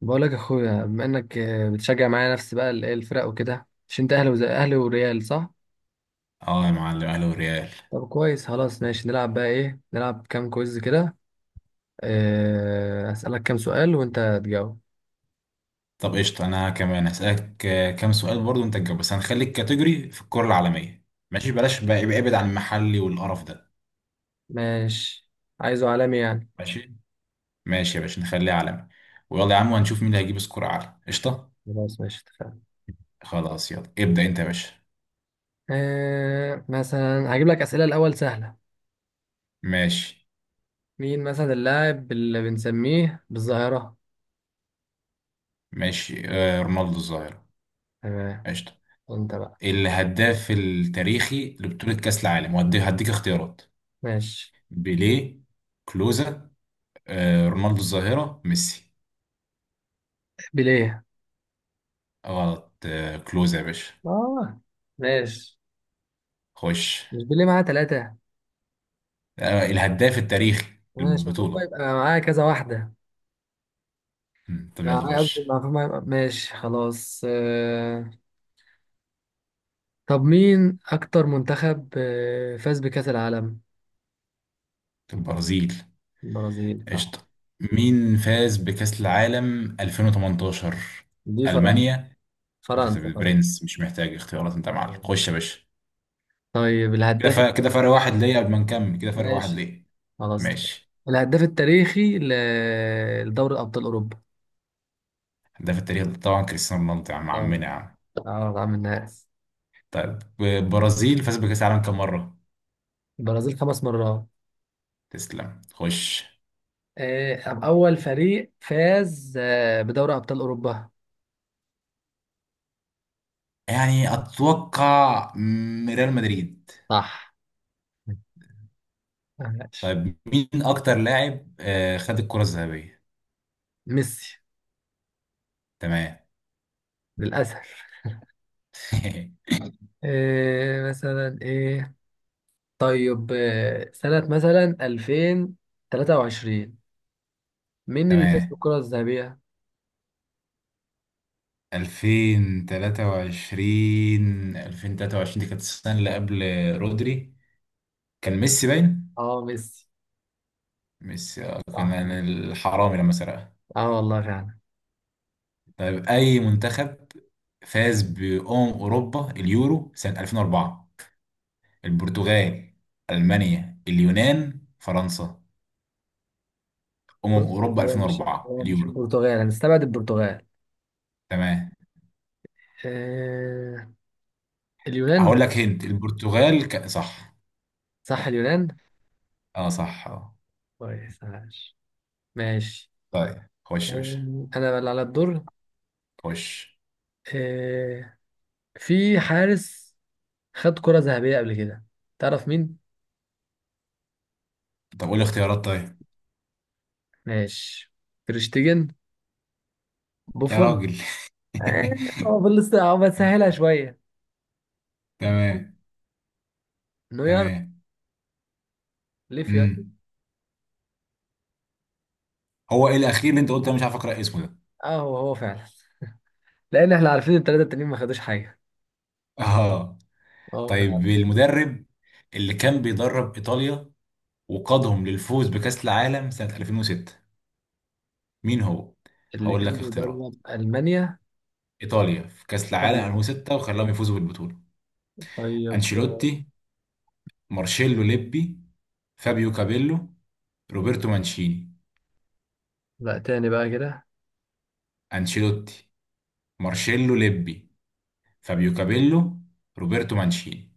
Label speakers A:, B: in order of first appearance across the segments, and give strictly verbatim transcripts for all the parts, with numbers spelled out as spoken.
A: بقولك يا اخويا، بما انك آه، بتشجع معايا نفس بقى ال- الفرق وكده، مش انت اهلي وزي اهلي وريال صح؟
B: اه يا معلم، اهلا وريال.
A: طب كويس خلاص ماشي، نلعب بقى ايه، نلعب كام كويز كده. آه، اسالك كام سؤال وانت تجاوب.
B: طب قشطة، انا كمان هسألك آه، كام سؤال برضو، انت تجاوب، بس هنخلي الكاتيجوري في الكرة العالمية. ماشي، بلاش بقى، يبقى ابعد عن المحلي والقرف ده.
A: ماشي. عايزه عالمي يعني.
B: ماشي. ماشي يا باشا، نخليه عالمي. ويلا يا عم، وهنشوف مين اللي هيجيب سكور اعلى. قشطة.
A: خلاص ماشي اتفقنا.
B: خلاص يلا ابدأ انت يا باشا.
A: أه مثلا هجيب لك اسئله الاول سهله.
B: ماشي.
A: مين مثلا اللاعب اللي بنسميه بالظاهره؟
B: ماشي آه، رونالدو الظاهرة.
A: تمام.
B: قشطة.
A: انت بقى.
B: الهداف التاريخي لبطولة كأس العالم، وهدي- هديك اختيارات:
A: ماشي.
B: بيليه، كلوزا، آه رونالدو الظاهرة، ميسي.
A: بيليه.
B: غلط، آه كلوزا يا باشا.
A: اه ماشي.
B: خش.
A: مش بيليه معاه ثلاثه؟
B: آه، الهداف التاريخي
A: ماشي. المفروض بقى
B: للبطولة.
A: يبقى معاه كذا واحده.
B: مم، طب يلا
A: يعني قصدي
B: خش.
A: المعلومة يبقى- ماشي خلاص آه، طب مين أكتر منتخب آه، فاز بكأس العالم؟
B: البرازيل.
A: البرازيل صح.
B: قشطة. مين فاز بكأس العالم ألفين وتمنتاشر؟
A: دي فرنسا
B: ألمانيا. بس-
A: فرنسا فرنسا.
B: برنس، مش محتاج اختيارات انت يا معلم. خش يا باشا.
A: طيب
B: كده
A: الهداف.
B: فرق، كده فرق واحد ليا، قبل ما نكمل كده فرق واحد
A: ماشي
B: ليا.
A: خلاص تمام.
B: ماشي.
A: الهداف التاريخي ل- لدوري أبطال أوروبا.
B: هداف التاريخ ده طبعا كريستيانو رونالدو، يا عم
A: اه.
B: عمنا يا عم.
A: اه طبعا من الناس.
B: طيب، البرازيل فاز بكأس العالم كام مرة؟
A: البرازيل خمس مرات.
B: تسلم، خش.
A: آه، طب أول فريق فاز آه، بدوري أبطال أوروبا؟
B: يعني أتوقع مم، ريال مدريد.
A: صح. ماشي.
B: طيب مين اكتر لاعب آه، خد الكرة الذهبية؟
A: ميسي
B: تمام.
A: للأسف. إيه مثلا ايه. طيب إيه سنة مثلا ألفين وتلاتة وعشرين، مين اللي فاز
B: تمام.
A: بالكرة الذهبية؟
B: ألفين وتلاتة وعشرين، ألفين وتلاتة وعشرين دي كانت السنة اللي قبل. رودري. كان ميسي باين.
A: اه ميسي.
B: ميسي آه، كان.
A: صح.
B: الحرامي لما سرقها.
A: اه والله فعلا.
B: طيب اي منتخب فاز بأمم اوروبا اليورو سنة ألفين واربعة؟ البرتغال، المانيا، اليونان، فرنسا. امم
A: بص،
B: اوروبا
A: هو مش
B: ألفين واربعة
A: هو مش
B: اليورو.
A: البرتغال، هنستبعد البرتغال.
B: تمام.
A: إيه. اليونان.
B: هقول لك. هنت البرتغال، ك... صح.
A: صح اليونان.
B: اه صح اه.
A: كويس ماشي. ماشي.
B: طيب خش يا باشا.
A: أم، انا بقى اللي على الدور.
B: خش.
A: إيه، في حارس خد كرة ذهبية قبل كده، تعرف مين؟
B: طب قول لي اختيارات طيب.
A: ماشي. تريشتيجن.
B: يا
A: بوفون.
B: راجل.
A: هو بلس، هو بسهلها شويه.
B: تمام.
A: انه يعرف.
B: تمام.
A: ليه يعني.
B: امم. هو ايه الاخير اللي انت قلت؟ انا مش عارف اقرا اسمه ده.
A: اه هو هو فعلا، لان احنا عارفين الثلاثه التانيين ما خدوش حاجه.
B: اه.
A: اه فعلا.
B: طيب المدرب اللي كان بيدرب ايطاليا وقادهم للفوز بكاس العالم سنة ألفين وستة، مين هو؟
A: اللي
B: هقول لك
A: كان
B: اختيارات.
A: بيدرب المانيا؟
B: ايطاليا في كاس العالم
A: طيب.
B: ألفين وستة وخلاهم يفوزوا بالبطولة:
A: طيب آه،
B: انشيلوتي، مارشيلو ليبي، فابيو كابيلو، روبرتو مانشيني.
A: لا، تاني بقى كده.
B: انشيلوتي، مارشيلو ليبي، فابيو كابيلو، روبرتو مانشيني.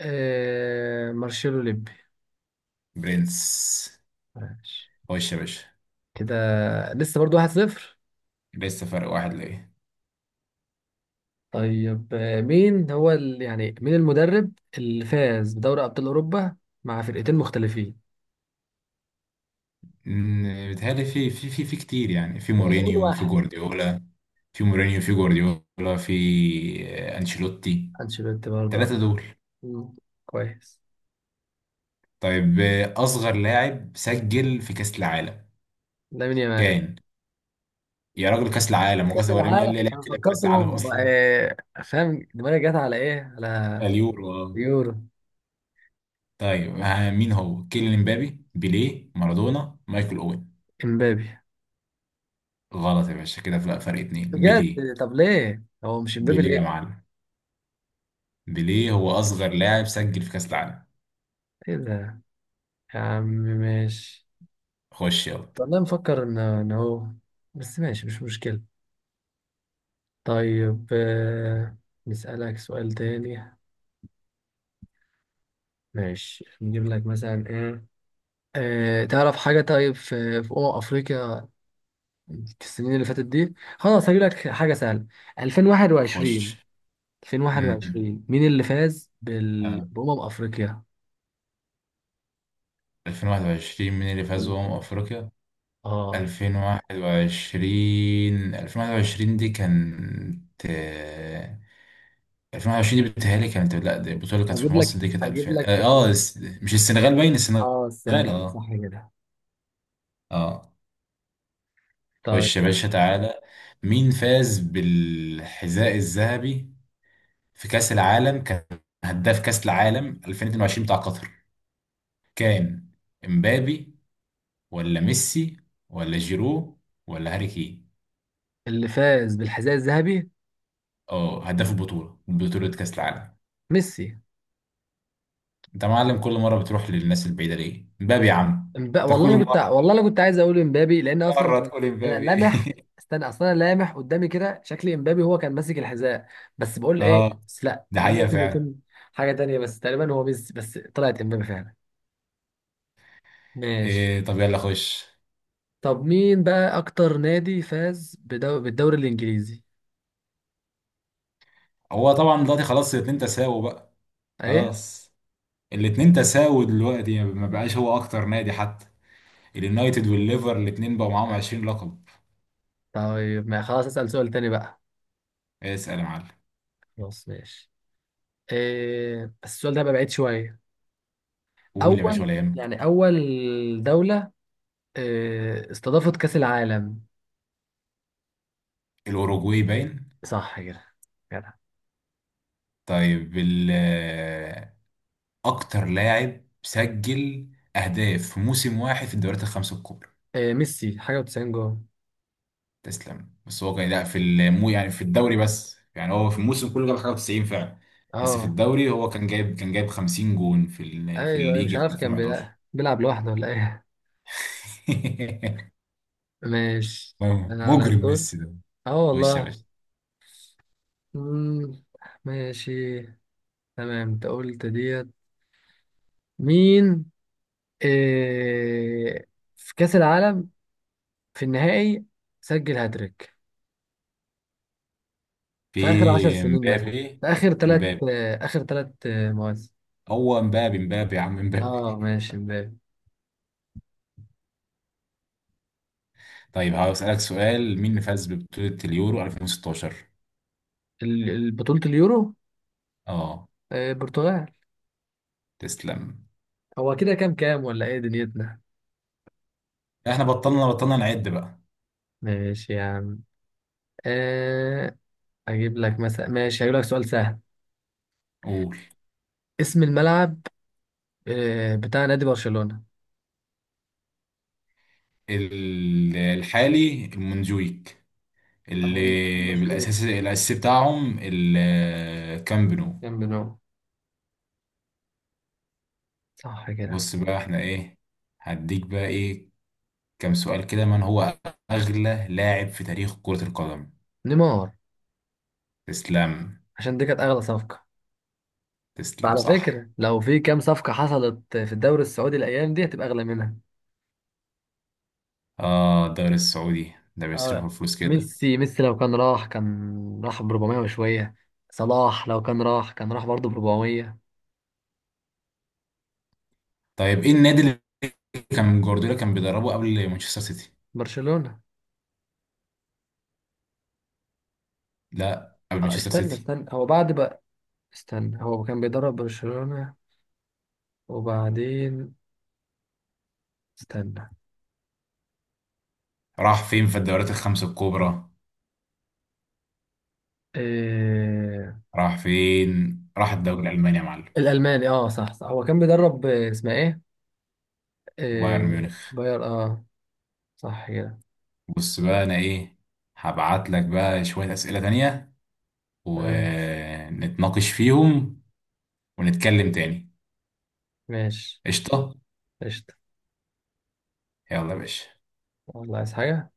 A: آه مارشيلو ليبي.
B: برنس.
A: ماشي
B: خش يا باشا.
A: كده. لسه برضو واحد صفر.
B: لسه فرق واحد ليه.
A: طيب آه مين هو ال... يعني مين المدرب اللي فاز بدوري ابطال اوروبا مع فرقتين مختلفين؟
B: مم، بيتهيألي في في في في كتير يعني، في
A: يعني قول
B: مورينيو، في
A: واحد.
B: جوارديولا، في مورينيو، في جوارديولا، في آه، أنشيلوتي.
A: انشيلوتي برضه آه.
B: التلاتة دول.
A: مم. كويس.
B: طيب آه، أصغر لاعب سجل في كأس العالم
A: لامين يامال.
B: كان. يا راجل، كأس العالم؟
A: كاس
B: وكأس، ولا مين
A: العالم
B: اللي لعب
A: انا
B: كده في كأس العالم
A: فكرتهم
B: أصلا؟
A: آه، فاهم دماغي جت على ايه، على
B: اليورو آه.
A: يورو.
B: طيب آه، مين هو؟ كيليان امبابي، بيليه، مارادونا، مايكل أوين.
A: امبابي.
B: غلط يا باشا، كده فرق، فرق اتنين. بيليه،
A: بجد؟ طب ليه هو مش امبابي،
B: بيليه يا
A: ليه؟
B: معلم. بيليه هو أصغر لاعب سجل في كأس العالم.
A: ايه ده؟ يا عم ماشي.
B: خش يلا.
A: والله مفكر ان ان هو. بس ماشي مش مشكلة. طيب آه، نسألك سؤال تاني. ماشي نجيب لك مثلا ايه. آه، تعرف حاجة؟ طيب في في أمم أفريقيا في السنين اللي فاتت دي؟ خلاص هجيب لك حاجة سهلة.
B: خش.
A: ألفين وواحد وعشرين.
B: امم.
A: ألفين وواحد وعشرين مين اللي فاز بال...
B: تمام.
A: بأمم أفريقيا؟
B: ألفين وواحد وعشرين مين اللي فاز
A: أمم
B: بأمم
A: أفريقيا.
B: أفريقيا؟
A: اه.
B: ألفين وواحد وعشرين، ألفين وواحد وعشرين دي كانت آه، ألفين وواحد وعشرين دي بتهيألي كانت، لا دي البطولة اللي كانت
A: اجيب
B: في
A: لك
B: مصر، دي كانت
A: اجيب
B: ألفين
A: لك
B: اه آه، الس- مش السنغال، باين السنغال.
A: اه السنغال
B: اه.
A: صح كده.
B: اه.
A: طيب
B: خش يا باشا تعالى. مين فاز بالحذاء الذهبي في كأس العالم كان، هداف كأس العالم ألفين واتنين وعشرين بتاع قطر كان؟ امبابي، ولا ميسي، ولا جيرو، ولا هاري كين؟
A: اللي فاز بالحذاء الذهبي.
B: اه، هداف البطولة، بطولة كأس العالم.
A: ميسي.
B: انت معلم، كل مرة بتروح للناس البعيدة ليه؟ امبابي يا عم.
A: امب...
B: انت
A: والله
B: كل
A: انا كنت
B: مرة،
A: والله انا كنت عايز اقول امبابي، لان اصلا
B: مرة
A: انا.
B: تقول
A: انا
B: امبابي.
A: لامح. استنى، اصلا انا لامح قدامي كده، شكلي امبابي هو كان ماسك الحذاء. بس بقول ايه.
B: اه.
A: بس لا،
B: ده
A: ده
B: حقيقة
A: ممكن
B: فعلا.
A: يكون حاجة تانية، بس تقريبا هو ميسي، بس طلعت امبابي فعلا. ماشي.
B: إيه، طب يلا خش.
A: طب مين بقى أكتر نادي فاز بدو... بالدوري الإنجليزي؟
B: هو طبعا دلوقتي خلاص الاتنين تساووا بقى.
A: إيه؟
B: خلاص، الاتنين تساووا دلوقتي، ما بقاش هو اكتر نادي حتى. اليونايتد والليفر الاتنين بقوا معاهم عشرين لقب.
A: طيب ما خلاص، أسأل سؤال تاني بقى.
B: اسأل يا معلم.
A: خلاص ماشي. إيه... بس السؤال ده بقى بعيد شوية.
B: قول يا باشا،
A: أول،
B: ولا يهمك.
A: يعني أول دولة إيه... استضافت كأس العالم؟
B: الأوروجواي باين.
A: صح كده. كده.
B: طيب ال- أكتر لاعب سجل أهداف في موسم واحد في الدوريات الخمسة الكبرى.
A: إيه، ميسي حاجة وتسعين جول.
B: تسلم. بس هو كان، لا في المو يعني في الدوري بس، يعني هو في الموسم كله جاب حاجة تسعين فعلا. بس في
A: أه
B: الدوري هو كان جايب، كان جايب خمسين جون في ال- في
A: أيوه أيوة، مش
B: الليج في
A: عارف كان
B: ألفين وحداشر.
A: بيلع- بيلعب لوحده ولا إيه. ماشي. أنا على
B: مجرم
A: الدور.
B: ميسي ده.
A: أه
B: خش يا
A: والله.
B: باشا.
A: مم، ماشي. تمام. أنت قلت ديت. مين، إيه، في كأس العالم، في النهائي، سجل هاتريك
B: في
A: في آخر عشر سنين مثلا؟
B: امبابي،
A: في آخر ثلاث.
B: امبابي.
A: آخر ثلاث مواسم.
B: هو امبابي، امبابي يا عم، امبابي.
A: اه ماشي مبابي.
B: طيب هقول اسالك سؤال، مين اللي فاز ببطولة اليورو ألفين وستاشر؟
A: ال- ال- بطولة اليورو.
B: اه.
A: آه برتغال.
B: تسلم.
A: هو كده كام، كام ولا ايه دنيتنا؟
B: احنا بطلنا بطلنا نعد بقى.
A: ماشي يا عم. آه، اجيب لك مثلا. ماشي هجيب لك سؤال سهل.
B: قول.
A: اسم الملعب آه بتاع نادي برشلونة.
B: ال- الحالي المنجويك،
A: طب
B: اللي
A: الم- المشهور.
B: بالاساس الاساسي بتاعهم الكامب نو.
A: كان بنو، صح كده.
B: بص بقى احنا ايه، هديك بقى ايه كام سؤال كده. من هو اغلى لاعب في تاريخ كرة القدم؟
A: نيمار،
B: تسلم.
A: عشان دي كانت اغلى صفقة.
B: تسلم
A: على
B: صح.
A: فكرة، لو في كام صفقة حصلت في الدوري السعودي الأيام دي هتبقى أغلى منها.
B: اه، الدوري السعودي ده بيصرفوا
A: اه.
B: فلوس كده.
A: ميسي ميسي لو كان راح كان راح ب أربعمية وشوية. صلاح لو كان راح كان راح برضه ب أربعمية.
B: طيب ايه النادي كان جوارديولا كان بيدربه قبل مانشستر سيتي؟
A: برشلونة.
B: لا، قبل
A: آه،
B: مانشستر
A: استنى
B: سيتي.
A: استنى هو بعد بقى. استنى، هو كان بيدرب برشلونة وبعدين. استنى.
B: راح فين في الدوريات الخمسة الكبرى؟
A: إيه...
B: راح فين؟ راح الدوري الألماني يا معلم.
A: الألماني. اه صح صح. هو كان بيدرب آه، اسمها ايه؟
B: بايرن
A: إيه...
B: ميونخ.
A: باير. اه صح كده.
B: بص بقى أنا إيه، هبعت لك بقى شوية أسئلة تانية
A: تمام.
B: ونتناقش فيهم ونتكلم تاني.
A: ماشي.
B: قشطة.
A: قشطة.
B: يلا يا باشا.
A: والله عايز حاجة